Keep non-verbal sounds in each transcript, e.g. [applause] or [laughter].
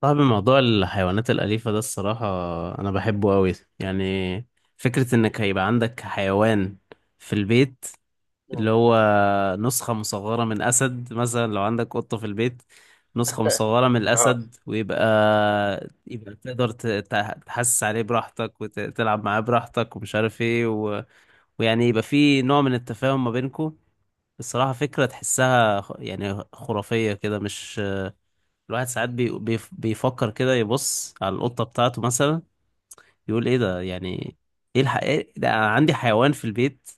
طب، موضوع الحيوانات الأليفة ده الصراحة أنا بحبه أوي. يعني فكرة إنك هيبقى عندك حيوان في البيت، اللي مم. هو نسخة مصغرة من أسد مثلا، لو عندك قطة في البيت نسخة [laughs] مصغرة من اه. الأسد، ويبقى تقدر تحسس عليه براحتك وتلعب معاه براحتك، ومش عارف إيه ويعني يبقى في نوع من التفاهم ما بينكو. الصراحة فكرة تحسها يعني خرافية كده، مش الواحد ساعات بيفكر كده، يبص على القطة بتاعته مثلا يقول ايه ده، يعني إيه ده، أنا عندي حيوان في البيت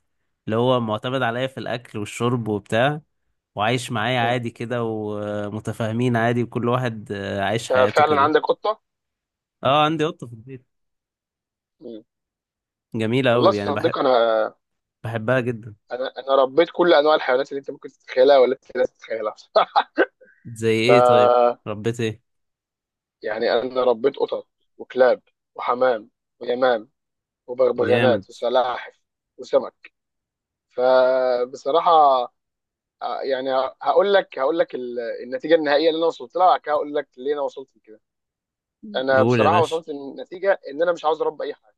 اللي هو معتمد عليا في الأكل والشرب وبتاع، وعايش معايا مم. عادي كده ومتفاهمين عادي، وكل واحد عايش انت حياته فعلا كده. عندك قطه؟ اه، عندي قطة في البيت مم. جميلة والله يا أوي، يعني صديقي انا، بحبها جدا. انا ربيت كل انواع الحيوانات اللي انت ممكن تتخيلها ولا أنت لا تتخيلها. زي ايه طيب؟ [laughs] ف ربيت ايه؟ يعني انا ربيت قطط، وكلاب، وحمام، ويمام، جامد. وبغبغانات، وسلاحف، وسمك. فبصراحه آه، يعني هقول لك النتيجه النهائيه اللي انا وصلت لها، وبعد كده هقول لك ليه انا وصلت لكده. انا قول يا بصراحه باشا. وصلت للنتيجه ان انا مش عاوز اربي اي حاجه،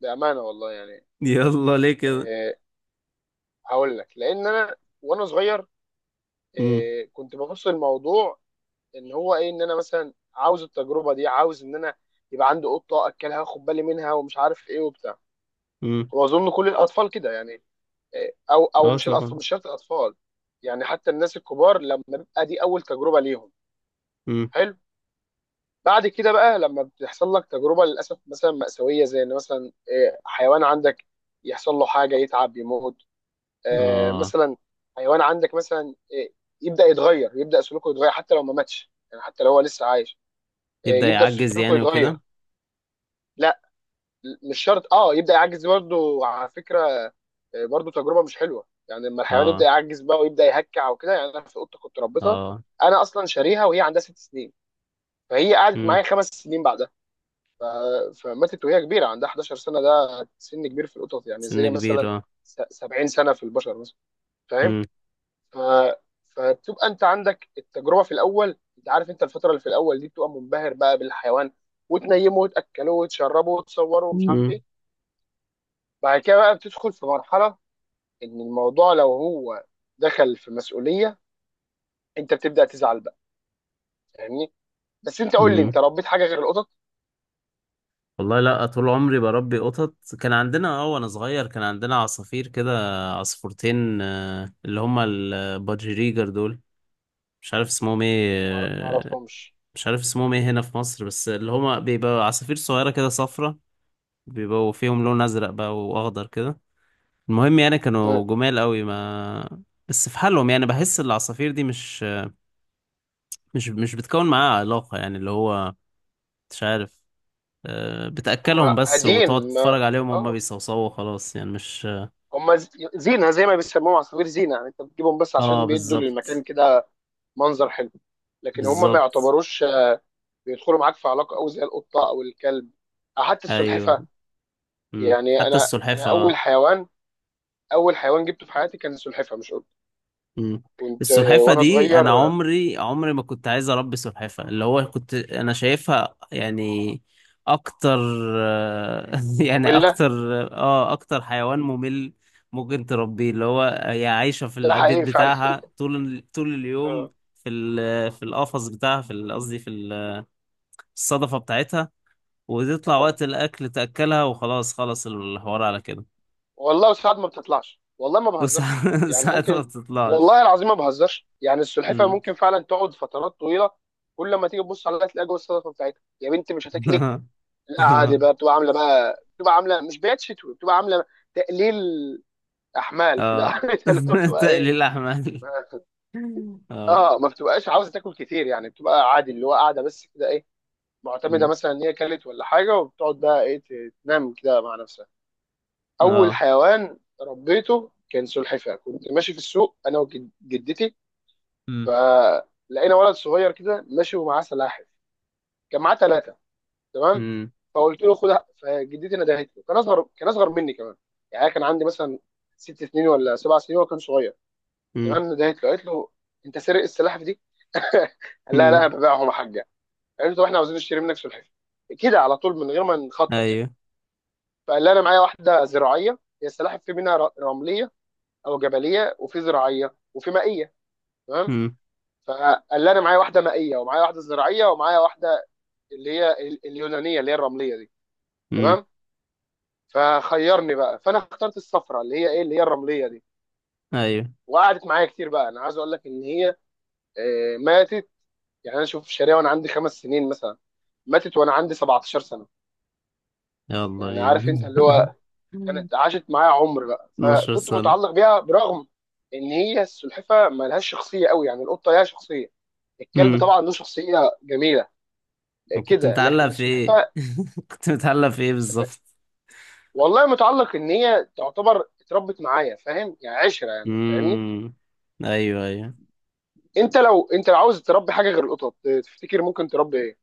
بامانه والله يعني. [laughs] يلا ليه كده؟ آه، هقول لك لان انا وانا صغير امم. كنت ببص الموضوع ان هو ايه، ان انا مثلا عاوز التجربه دي، عاوز ان انا يبقى عندي قطه اكلها واخد بالي منها ومش عارف ايه وبتاع. امم. واظن كل الاطفال كده يعني. او اه مش الاطفال، طبعا. مش شرط الاطفال، يعني حتى الناس الكبار لما بيبقى دي اول تجربه ليهم امم. حلو. بعد كده بقى لما بتحصل لك تجربه للاسف مثلا مأساويه، زي ان مثلا حيوان عندك يحصل له حاجه، يتعب، يموت. اه مثلا حيوان عندك مثلا، يبدا يتغير، يبدا سلوكه يتغير حتى لو ما ماتش، يعني حتى لو هو لسه عايش. يبدأ يبدا يعجز سلوكه يعني يتغير. وكده. لا، مش شرط، اه يبدا يعجز برضه على فكره. برضه تجربه مش حلوه يعني لما الحيوان يبدا اه. يعجز بقى ويبدا يهكع وكده، يعني انا في قطه كنت ربيتها، اه. انا اصلا شاريها وهي عندها 6 سنين، فهي قعدت امم. معايا 5 سنين بعدها. ف... فماتت وهي كبيره عندها 11 سنه. ده سن كبير في القطط، يعني سن زي كبير مثلا اه. 70 سنه في البشر مثلا، فاهم. امم. ف... فتبقى انت عندك التجربه. في الاول انت عارف انت الفتره اللي في الاول دي بتبقى منبهر بقى بالحيوان، وتنيمه، وتاكله، وتشربه، وتصوره، ومش عارف امم. ايه. بعد كده بقى بتدخل في مرحله ان الموضوع لو هو دخل في مسؤوليه، انت بتبدا تزعل بقى، فاهمني. بس انت قول لي، انت امم. ربيت حاجه غير القطط؟ والله لا، طول عمري بربي قطط. كان عندنا اه وانا صغير كان عندنا عصافير كده، عصفورتين، اللي هما البادجريجر دول، مش عارف اسمهم ايه ما آه، اعرفهمش. مش عارف اسمهم ايه هنا في مصر، بس اللي هما بيبقى عصافير صغيرة كده صفرة، بيبقوا فيهم لون ازرق بقى واخضر كده. المهم يعني كانوا مم. جمال قوي ما. بس في حالهم، يعني بحس العصافير دي مش بتكون معاها علاقة، يعني اللي هو مش عارف، هم بتأكلهم بس وتقعد هاديين ما. تتفرج عليهم وهم اه، بيصوصوا، خلاص يعني مش. هم زينه، زي ما بيسموهم عصافير زينه، يعني انت بتجيبهم بس اه عشان بيدوا بالظبط. للمكان كده منظر حلو. لكن هم ما بالظبط. يعتبروش بيدخلوا معاك في علاقه قوي زي القطه او الكلب او حتى السلحفه. ايوه. مم. يعني حتى انا السلحفة انا اول اه. حيوان، اول حيوان جبته في حياتي كان السلحفه مش قطه. مم. كنت السلحفة وانا دي انا صغير، عمري ما كنت عايز اربي سلحفة، اللي هو كنت انا شايفها يعني اكتر، [laughs] يعني ممله. اكتر. اه اكتر حيوان ممل ممكن تربيه، اللي هو هي عايشة في ده البيت حقيقي فعلا. بتاعها طول طول اليوم اه. في القفص بتاعها قصدي الصدفة بتاعتها، وتطلع آه. وقت الأكل تأكلها، وخلاص خلص الحوار على كده. والله ساعات ما بتطلعش، والله ما بهزرش وساعات [laughs] يعني، ساعات ما ممكن، بتطلعش. والله العظيم ما بهزرش، يعني السلحفه مم. ممكن فعلا تقعد فترات طويله، كل ما تيجي تبص عليها تلاقي جوه الصدفه بتاعتها. يا بنتي مش هتاكلي؟ [laughs] لا عادي بقى، بتبقى عامله بقى، بتبقى عامله مش بيات شتوي، بتبقى عامله تقليل احمال كده. [laughs] اه. عارف اللي هو [laughs] بتبقى ايه. [laughs] تقليل أحمال. ما- اه. اه، ما بتبقاش عاوزه تاكل كتير، يعني بتبقى عادي اللي هو قاعده بس كده ايه، معتمده مم. مثلا ان هي كلت ولا حاجه، وبتقعد بقى ايه تنام كده مع نفسها. اول اه. حيوان ربيته كان سلحفاه. كنت ماشي في السوق انا وجدتي، مم. فلقينا ولد صغير كده ماشي ومعاه سلاحف. كان معاه ثلاثه، تمام؟ مم. فقلت له خدها، فجدتي ندهت له. كان اصغر، كان اصغر مني كمان. يعني أنا كان عندي مثلا 6 سنين ولا 7 سنين، وهو كان صغير. مم. تمام، ندهت له قالت له: انت سرق السلاحف دي؟ [laughs] لا لا، مم. انا ببيعهم يا حاجه. قالت له: طب احنا عاوزين نشتري منك سلحفاه، كده على طول من غير ما نخطط يعني. أيوه. فقال لي: انا معايا واحده زراعيه. هي السلاحف في منها رمليه، او جبليه، وفي زراعيه، وفي مائيه. تمام، مم. فقال لي انا معايا واحده مائيه، ومعايا واحده زراعيه، ومعايا واحده اللي هي اليونانيه اللي هي الرمليه دي. مم. تمام، فخيرني بقى، فانا اخترت الصفراء اللي هي ايه، اللي هي الرمليه دي. أيوه. وقعدت معايا كتير بقى. انا عايز اقول لك ان هي ماتت. يعني انا شوف الشارع وانا عندي 5 سنين مثلا، ماتت وانا عندي 17 سنه. يلا يعني عارف بينا. انت اللي [laughs] هو كانت عاشت معايا عمر بقى، 12 فكنت سنة. متعلق بيها برغم ان هي السلحفه ما لهاش شخصيه قوي. يعني القطه ليها شخصيه، الكلب مم. طبعا له شخصيه جميله طب كنت كده، متعلق لكن في إيه؟ السلحفه. [laughs] كنت متعلق في إيه م- بالظبط؟ والله متعلق ان هي تعتبر اتربت معايا، فاهم يعني، عشره يعني، فاهمني. مم. أيوه أيوه. انت لو، انت لو عاوز تربي حاجه غير القطط، تفتكر ممكن تربي ايه؟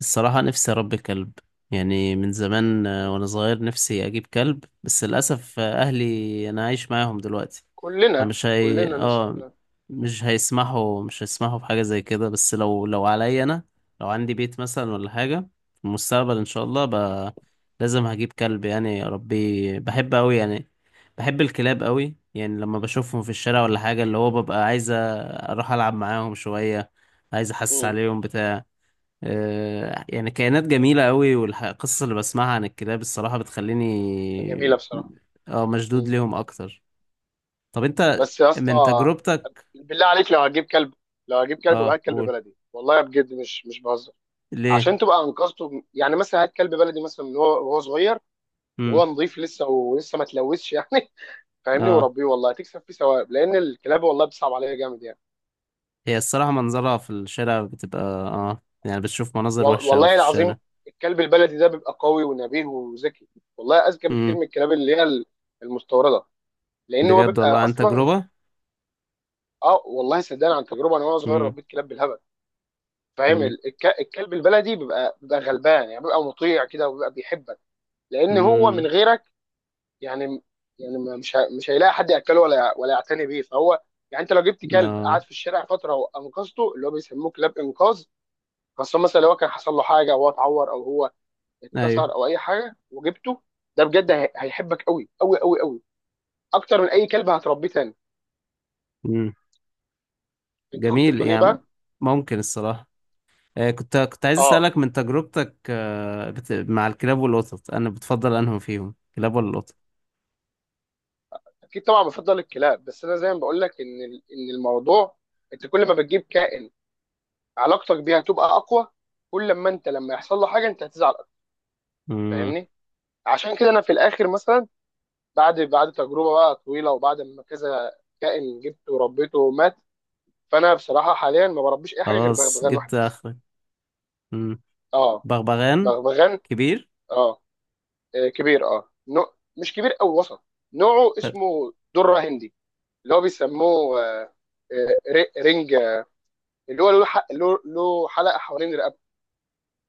الصراحة نفسي أربي كلب، يعني من زمان مم. وأنا صغير نفسي أجيب كلب، بس للأسف أهلي أنا عايش معاهم دلوقتي، كلنا، فمش هي كلنا نفس آه، الكلام. مش هيسمحوا بحاجة زي كده، بس لو عليا أنا، لو عندي بيت مثلا ولا حاجة في المستقبل إن شاء الله لازم هجيب كلب، يعني أربيه، بحب أوي يعني، بحب الكلاب أوي. يعني لما بشوفهم في الشارع ولا حاجة، اللي هو ببقى عايز أروح ألعب معاهم شوية، عايز أحس مم. عليهم بتاع، يعني كائنات جميلة قوي، والقصص اللي بسمعها عن الكلاب الصراحة بتخليني جميله بصراحه. اه مم. مشدود ليهم أكتر. طب أنت بس يا من اسطى، تجربتك، بالله عليك، لو هجيب كلب، لو هجيب كلب يبقى اه هات كلب قول. بلدي، والله بجد مش مش بهزر. ليه؟ عشان تبقى انقذته، يعني مثلا هات كلب بلدي مثلا من هو وهو صغير، مم. وهو نظيف لسه ولسه ما تلوثش يعني. [laughs] فاهمني؟ اه وربيه، والله هتكسب فيه ثواب لان الكلاب والله بتصعب عليا جامد يعني. هي الصراحة منظرها في الشارع بتبقى اه، يعني بتشوف مناظر وحشة أوي والله في العظيم الشارع. الكلب البلدي ده بيبقى قوي ونبيه وذكي، والله اذكى بكتير مم. من الكلاب اللي هي المستورده. لان هو بجد بيبقى والله عن اصلا. تجربة؟ اه، والله صدقني، عن تجربه انا وانا صغير مم. ربيت كلاب بالهبل، فاهم. مم. الكلب البلدي بيبقى، بيبقى غلبان يعني، بيبقى مطيع كده، وبيبقى بيحبك لان هو مم. من غيرك، يعني يعني مش هيلاقي حد ياكله ولا ولا يعتني بيه فهو يعني. انت لو جبت كلب قعد اه. في الشارع فتره وانقذته، اللي هو بيسموه كلاب انقاذ، خاصه مثلا لو كان حصل له حاجه، او هو اتعور، او هو أيوه. اتكسر، او اي حاجه، وجبته، ده بجد هيحبك قوي قوي قوي قوي، اكتر من اي كلب هتربيه تاني. مم. انت كنت جميل بتقول ايه يعني، بقى؟ ممكن الصراحة، كنت عايز اه أسألك من تجربتك، مع الكلاب والقطط أنا بتفضل أنهم فيهم كلاب ولا القطط. اكيد طبعا بفضل الكلاب. بس انا زي ما بقول لك ان ان الموضوع انت كل ما بتجيب كائن، علاقتك بيها هتبقى اقوى، كل لما انت لما يحصل له حاجه انت هتزعل اكتر، مم. فاهمني. عشان كده انا في الاخر مثلا، بعد تجربه بقى طويله، وبعد ما كذا كائن جبته وربيته ومات، فانا بصراحه حاليا ما بربيش اي حاجه غير خلاص بغبغان جبت واحد بس. آخرك. مم. اه، بغبغان بغبغان. كبير. اه. كبير. اه، نوع مش كبير او وسط، نوعه اسمه دره هندي، اللي هو بيسموه رنج، اللي هو له له حلقه حوالين رقبته،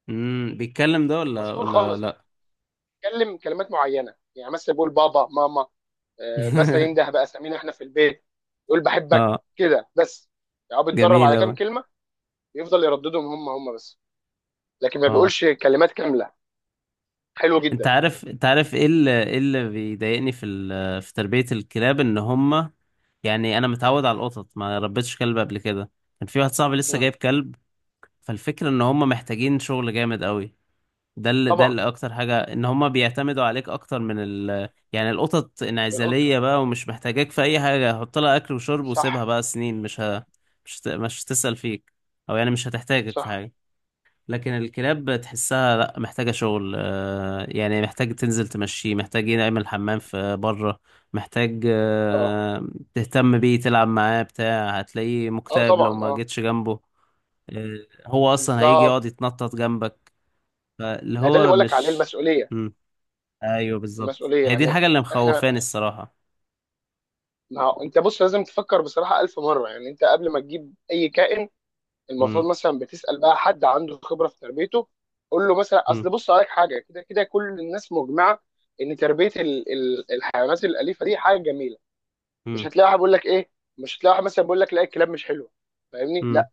مم. بيتكلم ده ولا مشهور ولا خالص. لأ؟ بيتكلم كلمات معينه، يعني مثلا بيقول بابا، ماما، مثلا ينده [laughs] باسامينا احنا في البيت، يقول بحبك، اه. كده بس. يعني هو بيتدرب جميل على كام أوي. كلمه، يفضل يرددهم هم بس، لكن ما اه بيقولش كلمات كامله. حلو انت جدا. عارف، انت عارف ايه اللي بيضايقني في تربية الكلاب ان هما، يعني انا متعود على القطط، ما ربيتش كلب قبل كده، كان في واحد صاحبي لسه مم. جايب كلب. فالفكرة ان هما محتاجين شغل جامد قوي، طبعا، اكتر حاجة ان هما بيعتمدوا عليك اكتر يعني القطط من القطه، انعزالية بقى ومش محتاجاك في اي حاجة، حط لها اكل وشرب وسيبها صح. بقى سنين مش هتسأل فيك، او يعني مش هتحتاجك في صح. حاجة. لكن الكلاب تحسها لا محتاجة شغل، يعني محتاج تنزل تمشيه، محتاج يعمل حمام في بره، محتاج اه. آه، تهتم بيه، تلعب معاه بتاع، هتلاقيه اه مكتئب لو طبعا، ما اه، جيتش جنبه آه، هو اصلا هيجي يقعد بالظبط. يتنطط جنبك، فاللي ما ده اللي هو بقول لك عليه، مش. المسؤوليه. مم. ايوه بالظبط، المسؤوليه هي دي يعني، الحاجه اللي احنا، مخوفاني الصراحه. ما هو انت بص لازم تفكر بصراحه ألف مره. يعني انت قبل ما تجيب اي كائن، مم. المفروض مثلا بتسال بقى حد عنده خبره في تربيته، قول له مثلا: مم. اصل بص، عليك حاجه كده كده، كل الناس مجمعه ان تربيه ال ال الحيوانات الاليفه دي حاجه جميله، مش مم. هتلاقي واحد بيقول لك ايه، مش هتلاقي واحد مثلا بيقول لك لا، الكلاب مش حلوه، فاهمني. مم. لا،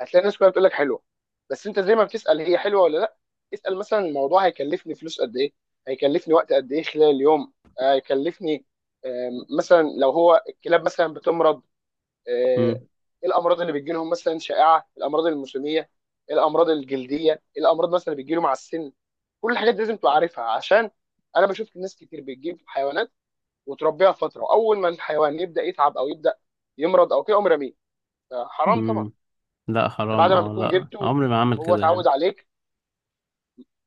هتلاقي الناس كلها بتقول لك حلوه. بس انت زي ما بتسال هي حلوه ولا لا، اسال مثلا الموضوع هيكلفني فلوس قد ايه، هيكلفني وقت قد ايه خلال اليوم، هيكلفني، مثلا لو هو الكلاب مثلا بتمرض، آه، مم. ايه الامراض اللي بتجي لهم مثلا، شائعه الامراض الموسميه، الامراض الجلديه، الامراض مثلا اللي بتجي له مع السن. كل الحاجات دي لازم تبقى عارفها، عشان انا بشوف ناس كتير بتجيب حيوانات وتربيها فتره، اول ما الحيوان يبدا يتعب او يبدا يمرض او كده قوم رميه. حرام طبعا. مم. لا انت بعد حرام ما اه، بتكون لا جبته عمري ما اعمل وهو كده يعني. اتعود عليك،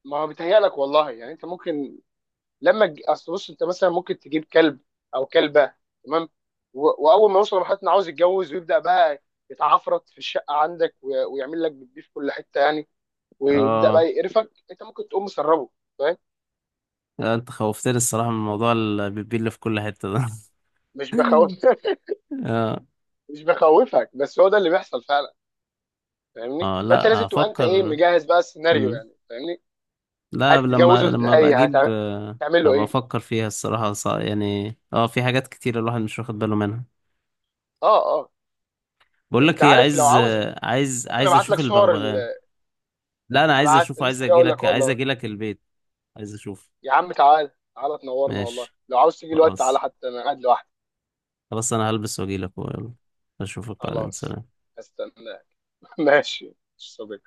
ما هو بيتهيألك والله يعني، انت ممكن لما اصل بص، انت مثلا ممكن تجيب كلب او كلبه، تمام، واول ما يوصل لمرحله انه عاوز يتجوز ويبدا بقى يتعفرت في الشقه عندك، ويعمل لك بيبي في كل حته يعني، ويبدا بقى اه يقرفك، انت ممكن تقوم مسربه، فاهم. لا، انت خوفتني الصراحه من موضوع البيبي اللي في كل حته ده. مش بخوف. [laughs] [laughs] اه. مش بخوفك، بس هو ده اللي بيحصل فعلا، فاهمني. اه فانت لا لازم تبقى انت ايه، هفكر. مجهز بقى السيناريو مم. يعني، فاهمني. لا، هتتجوزه لما ابقى ازاي؟ اجيب آه، هتعمل له هبقى ايه؟ افكر فيها الصراحه، يعني اه، في حاجات كتير الواحد مش واخد باله منها. اه اه بقول انت لك ايه، عارف، لو عايز عاوز آه، عايز ممكن عايز ابعت اشوف لك صور ال... البغبغان. لا انا عايز ابعت اشوفه، عايز لسه جاي اجي اقول لك لك عايز والله. اجي لك البيت. عايز اشوف. يا عم تعال تعال، تنورنا، والله ماشي. لو عاوز تيجي الوقت تعالى، خلاص. حتى انا قاعد لوحدي. خلاص انا هلبس واجي لك، يلا اشوفك بعدين، خلاص. سلام. استنى. [laughs] ماشي صبي.